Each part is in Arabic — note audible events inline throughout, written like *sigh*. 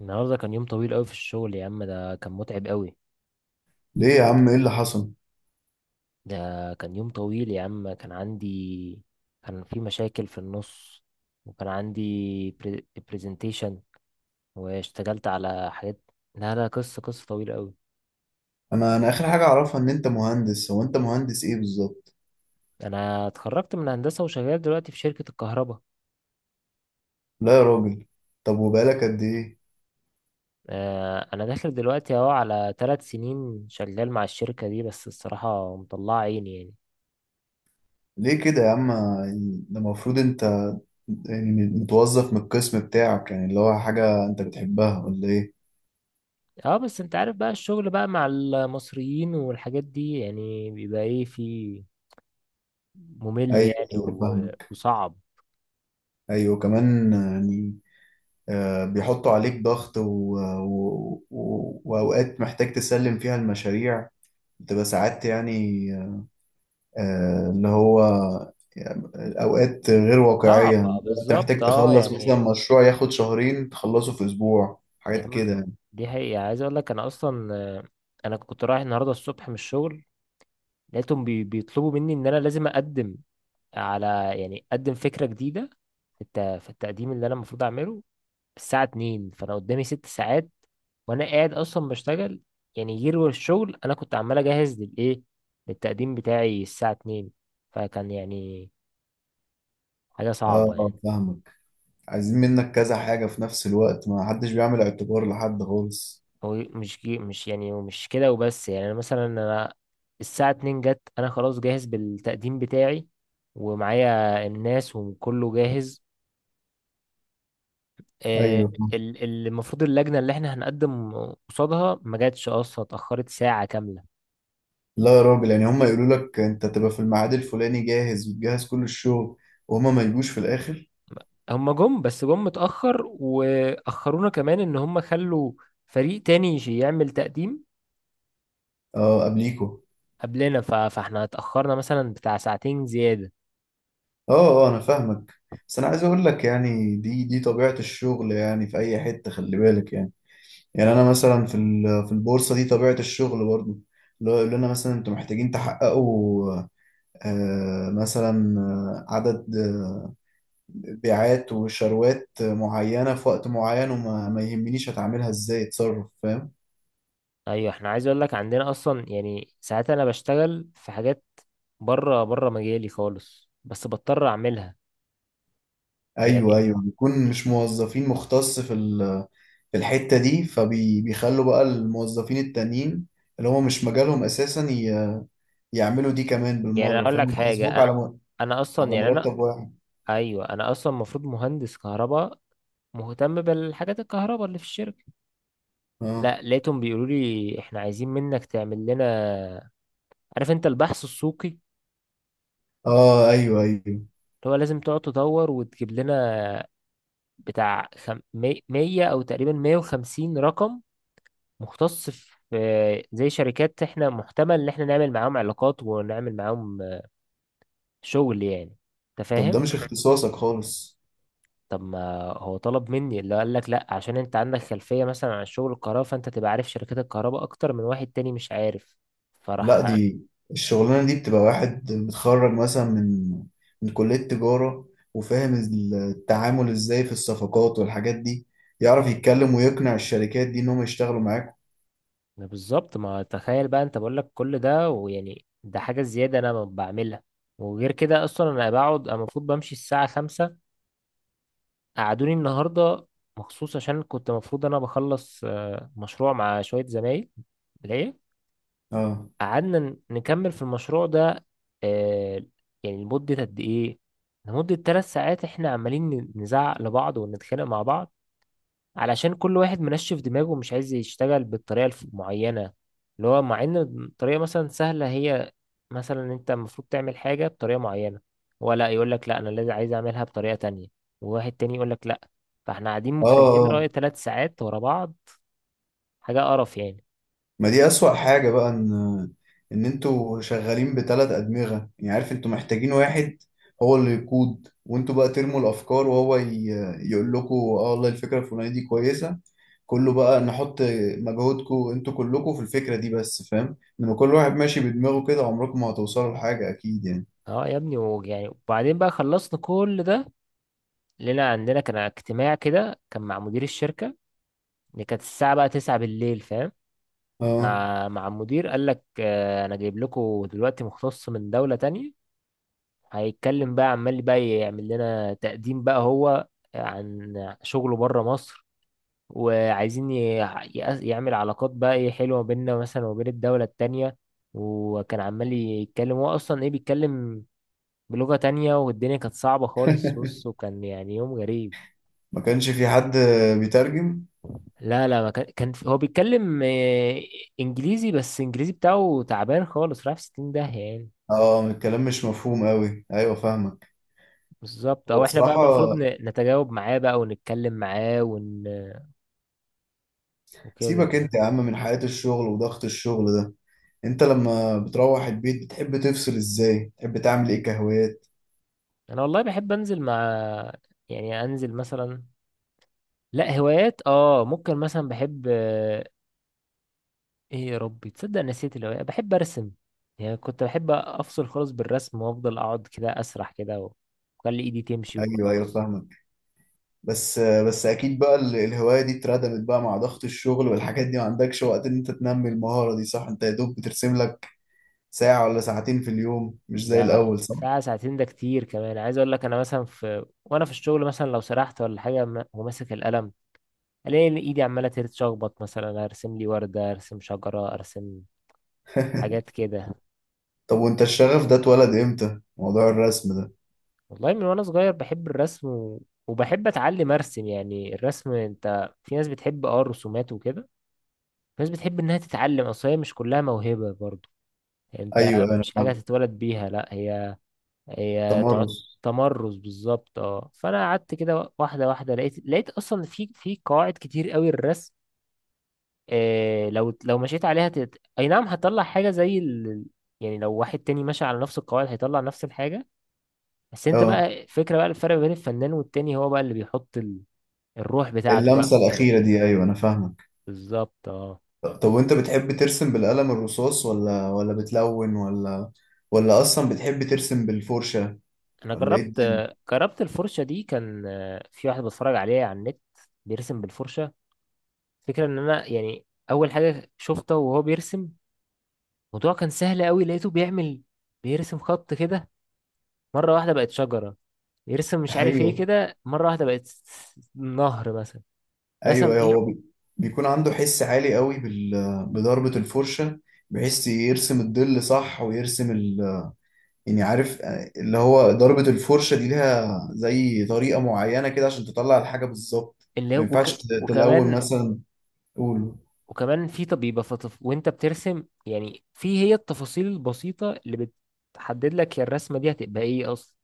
النهارده كان يوم طويل قوي في الشغل يا عم، ده كان متعب قوي. ليه يا عم، ايه اللي حصل؟ ده كان يوم طويل يا عم، كان عندي، كان في مشاكل في النص، وكان عندي برزنتيشن، واشتغلت على حاجات. لا لا، قصة طويلة قوي. انا اخر حاجه اعرفها ان انت مهندس. هو انت مهندس ايه بالظبط؟ انا اتخرجت من هندسة وشغال دلوقتي في شركة الكهرباء. لا يا راجل. طب وبقالك قد ايه؟ انا داخل دلوقتي اهو على 3 سنين شغال مع الشركة دي، بس الصراحة مطلعة عيني يعني. ليه كده يا عم؟ يعني ده المفروض انت يعني متوظف من القسم بتاعك، يعني اللي هو حاجه انت بتحبها ولا ايه؟ اه بس انت عارف بقى، الشغل بقى مع المصريين والحاجات دي، يعني بيبقى ايه، في ممل ايوه يعني ايوه فاهمك. وصعب. ايوه كمان يعني. بيحطوا عليك ضغط و واوقات محتاج تسلم فيها المشاريع بتبقى ساعات يعني. اللي هو يعني أوقات غير واقعية. صعب، أنت بالظبط محتاج اه تخلص مثلا يعني. مشروع ياخد شهرين تخلصه في أسبوع، حاجات يعني كده يعني. دي حقيقة عايز اقول لك، انا اصلا. انا كنت رايح النهارده الصبح من الشغل، لقيتهم بيطلبوا مني ان انا لازم اقدم على، يعني اقدم فكرة جديدة في التقديم اللي انا المفروض اعمله الساعة 2، فانا قدامي 6 ساعات وانا قاعد اصلا بشتغل. يعني غير الشغل انا كنت عمال اجهز للتقديم بتاعي الساعة 2. فكان يعني حاجة صعبة اه يعني. فاهمك. عايزين منك كذا حاجة في نفس الوقت، ما حدش بيعمل اعتبار لحد خالص. هو مش جي، مش يعني مش كده وبس. يعني انا مثلا، انا الساعة 2 جت، انا خلاص جاهز بالتقديم بتاعي ومعايا الناس وكله جاهز آه، أيوه. المفروض اللجنة اللي احنا هنقدم قصادها ما جاتش اصلا، اتأخرت ساعة كاملة. لا يا راجل، يعني هما يقولوا لك أنت تبقى في الميعاد الفلاني جاهز وتجهز كل الشغل، وهما ما يجوش في الآخر. هم جم بس جم متأخر، وأخرونا كمان ان هم خلوا فريق تاني يعمل تقديم اه قبليكوا. قبلنا. فاحنا اتأخرنا مثلا بتاع ساعتين زيادة. اه اه أنا فاهمك. بس أنا عايز أقول لك يعني دي طبيعة الشغل يعني في أي حتة، خلي بالك يعني. يعني انا مثلا في في البورصه دي طبيعه الشغل برضو، اللي هو يقول لنا مثلا انتوا محتاجين تحققوا مثلا عدد بيعات وشروات معينه في وقت معين، وما ما يهمنيش هتعملها ازاي، اتصرف فاهم. ايوه، احنا عايز اقول لك عندنا اصلا، يعني ساعات انا بشتغل في حاجات بره بره مجالي خالص، بس بضطر اعملها. ايوه يعني ايوه بيكون مش موظفين مختص في في الحته دي، فبيخلوا بقى الموظفين التانيين اللي هو مش مجالهم اساسا يعملوا دي كمان بالمره، اقول فاهم؟ لك يحاسبوك حاجه على انا اصلا على يعني انا. مرتب واحد. ايوه انا اصلا المفروض مهندس كهرباء مهتم بالحاجات الكهرباء اللي في الشركه. اه. لا، لقيتهم بيقولوا لي احنا عايزين منك تعمل لنا، عارف انت البحث السوقي، اللي اه. ايوه ايوه. هو لازم تقعد تدور وتجيب لنا بتاع 100 او تقريبا 150 رقم مختص في زي شركات احنا محتمل ان احنا نعمل معاهم علاقات، ونعمل معاهم شغل يعني. انت طب ده فاهم؟ مش اختصاصك خالص. طب ما هو طلب مني، اللي قال لك لا عشان انت عندك خلفية مثلا عن شغل الكهرباء فانت تبقى عارف شركات الكهرباء اكتر من واحد تاني مش عارف، لا، فراح. دي الشغلانة دي بتبقى واحد متخرج مثلا من من كلية تجارة وفاهم التعامل ازاي في الصفقات والحاجات دي، يعرف يتكلم ويقنع الشركات دي انهم يشتغلوا معاك. ما بالظبط، ما تخيل بقى، انت بقول لك كل ده، ويعني ده حاجة زيادة انا ما بعملها. وغير كده اصلا انا بقعد، أنا المفروض بمشي الساعة 5، قعدوني النهاردة مخصوص عشان كنت المفروض انا بخلص مشروع مع شوية زمايل. ليه؟ اه. قعدنا نكمل في المشروع ده. آه. يعني لمدة قد ايه؟ لمدة 3 ساعات احنا عمالين نزعق لبعض ونتخانق مع بعض، علشان كل واحد منشف دماغه ومش عايز يشتغل بالطريقة المعينة اللي هو، مع ان الطريقة مثلا سهلة. هي مثلا انت المفروض تعمل حاجة بطريقة معينة، هو لا يقول لك لا انا لازم عايز اعملها بطريقة تانية، وواحد تاني يقول لك لا. فاحنا قاعدين اه. مختلفين رأي اه. 3 ساعات ورا بعض. حاجة قرف يعني. ما دي اسوأ حاجة بقى، ان ان انتوا شغالين بثلاث ادمغة. يعني عارف انتوا محتاجين واحد هو اللي يقود وانتوا بقى ترموا الافكار وهو يقول لكم اه والله الفكرة الفلانية دي كويسة، كله بقى نحط مجهودكم انتوا كلكم في الفكرة دي بس، فاهم؟ انما كل واحد ماشي بدماغه كده عمركم ما هتوصلوا لحاجة اكيد يعني. اه يا ابني، ويعني وبعدين بقى، خلصنا كل ده، لنا عندنا كان اجتماع كده، كان مع مدير الشركة، اللي كانت الساعة بقى 9 بالليل فاهم. اه. مع المدير قال لك انا جايب لكم دلوقتي مختص من دولة تانية، هيتكلم بقى، عمال بقى يعمل لنا تقديم بقى هو عن شغله بره مصر، وعايزين يعمل علاقات بقى ايه حلوة بيننا مثلا وبين الدولة التانية. وكان عمال يتكلم، هو اصلا ايه بيتكلم بلغة تانية، والدنيا كانت صعبة خالص. بص، وكان يعني يوم غريب. ما كانش في حد بيترجم؟ لا لا، ما كان، هو بيتكلم انجليزي، بس انجليزي بتاعه تعبان خالص، رايح في 60 داهية يعني. اه الكلام مش مفهوم قوي، ايوه فاهمك. بالظبط. هو او احنا بقى بصراحة المفروض نتجاوب معاه بقى ونتكلم معاه وكده. سيبك انت يا عم من حياة الشغل وضغط الشغل ده، انت لما بتروح البيت بتحب تفصل ازاي؟ بتحب تعمل ايه كهوايات؟ انا والله بحب انزل مع، يعني انزل مثلا. لا، هوايات اه ممكن مثلا بحب ايه يا ربي، تصدق نسيت الهوايات. بحب ارسم يعني. كنت بحب افصل خالص بالرسم، وافضل اقعد كده اسرح كده واخلي ايدي تمشي ايوه ايوه وخلاص. فاهمك. بس بس اكيد بقى الهوايه دي اتردمت بقى مع ضغط الشغل والحاجات دي، ما عندكش وقت ان انت تنمي المهاره دي صح؟ انت يا دوب بترسم لك ساعه ولا ساعتين في اليوم، مش زي ده الاول صح؟ ساعة ساعتين ده كتير كمان. عايز اقول لك انا مثلا، في وانا في الشغل مثلا لو سرحت ولا حاجة وماسك القلم، الاقي إن ايدي عمالة تتشخبط، مثلا ارسم لي وردة، ارسم شجرة، ارسم حاجات *laughs* كده. طب وانت الشغف ده اتولد امتى، موضوع الرسم ده؟ والله من وانا صغير بحب الرسم وبحب اتعلم ارسم. يعني الرسم انت، في ناس بتحب اه الرسومات وكده، في ناس بتحب انها تتعلم، اصل هي مش كلها موهبة برضو انت، ايوه انا مش حاجة فاهم. تتولد بيها، لا هي هي تمرس تمرس. بالظبط اه. فانا قعدت كده واحده واحده، لقيت اصلا في قواعد كتير قوي الرسم، إيه لو مشيت عليها اي نعم هتطلع حاجه زي ال... يعني لو واحد تاني ماشي على نفس القواعد هيطلع نفس الحاجه. بس انت اه. بقى الفكره بقى، الفرق بين الفنان والتاني هو بقى اللي بيحط ال... الروح بتاعته بقى في اللمسه الطريقه. الاخيره دي، ايوه انا فاهمك. بالظبط اه. طب وانت بتحب ترسم بالقلم الرصاص ولا ولا بتلون، ولا ولا اصلا بتحب ترسم بالفرشه، انا ولا ايه جربت، الدنيا؟ الفرشه دي. كان في واحد بتفرج عليه على النت بيرسم بالفرشه. الفكره ان انا يعني اول حاجه شفته وهو بيرسم، الموضوع كان سهل قوي. لقيته بيعمل، بيرسم خط كده، مرة واحدة بقت شجرة، يرسم مش *laughs* عارف ايه ايوه كده مرة واحدة بقت نهر مثلا. ايوه رسم ايوه. ايه؟ هو بيكون عنده حس عالي قوي بضربة الفرشة، بحيث يرسم الظل صح ويرسم ال... يعني عارف اللي هو ضربة الفرشة دي ليها زي طريقة معينة كده عشان تطلع الحاجة بالظبط. اللي ما هو ينفعش تلون وكمان مثلا؟ قول. وكمان في، طب يبقى فطف وانت بترسم، يعني في هي التفاصيل البسيطة اللي بتحدد لك يا الرسمة دي هتبقى ايه اصلا.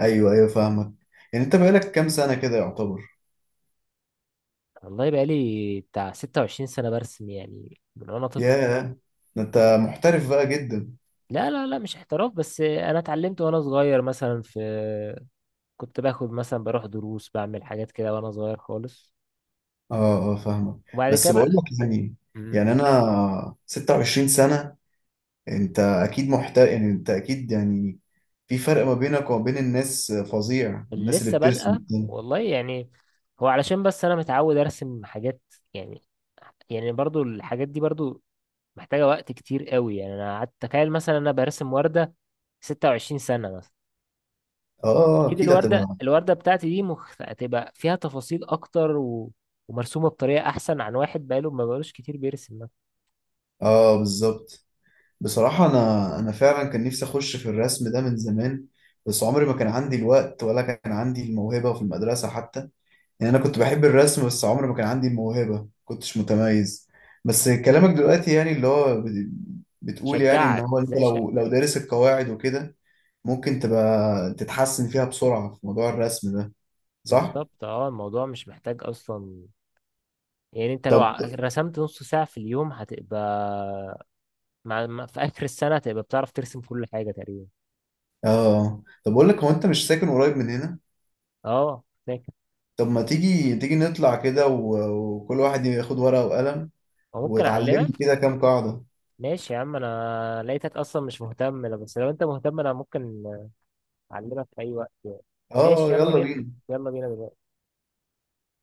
ايوه ايوه فاهمك. يعني انت بقالك كام سنة كده يعتبر؟ والله بقى لي بتاع 26 سنة برسم يعني من وانا طفل. ياه، ده انت محترف بقى جدا. لا لا لا، مش احتراف، بس انا اتعلمت وانا صغير مثلا، في كنت باخد مثلا بروح دروس، بعمل حاجات كده وانا صغير خالص. اه اه فاهمك. وبعد بس كده بقول بقى. لك يعني، امم يعني انا 26 سنة، انت اكيد محترف. يعني انت اكيد يعني في فرق ما بينك وما بين الناس فظيع، اللي الناس اللي لسه بترسم بادئه، التاني. والله يعني. هو علشان بس انا متعود ارسم حاجات يعني. برضو الحاجات دي برضو محتاجة وقت كتير قوي. يعني انا قعدت، تخيل مثلا انا برسم وردة 26 سنة مثلا. اه اكيد اكيد الوردة، هتبقى. بتاعتي دي هتبقى فيها تفاصيل اكتر ومرسومة بطريقة احسن عن واحد بقاله ما بقالوش كتير بيرسم مثلا. اه بالظبط. بصراحة انا فعلا كان نفسي اخش في الرسم ده من زمان، بس عمري ما كان عندي الوقت ولا كان عندي الموهبة في المدرسة حتى. يعني انا كنت بحب الرسم بس عمري ما كان عندي الموهبة، كنتش متميز. بس كلامك دلوقتي يعني اللي هو بتقول يعني ان شجعك هو انت لو دارس القواعد وكده ممكن تبقى تتحسن فيها بسرعة في موضوع الرسم ده، صح؟ بالظبط اه. الموضوع مش محتاج اصلا، يعني انت لو طب رسمت نص ساعة في اليوم هتبقى في آخر السنة هتبقى بتعرف ترسم كل حاجة تقريبا. اه، طب أقول لك، هو أنت مش ساكن قريب من هنا؟ اه فاكر. طب ما تيجي نطلع كده و وكل واحد ياخد ورقة وقلم أو ممكن أعلمك. وتعلمني كده كام قاعدة. ماشي يا عم، أنا لقيتك أصلا مش مهتم، لا، بس لو أنت مهتم أنا ممكن أعلمك في أي وقت يعني. ماشي، اه يلا يلا بينا، بينا. يلا بينا دلوقتي.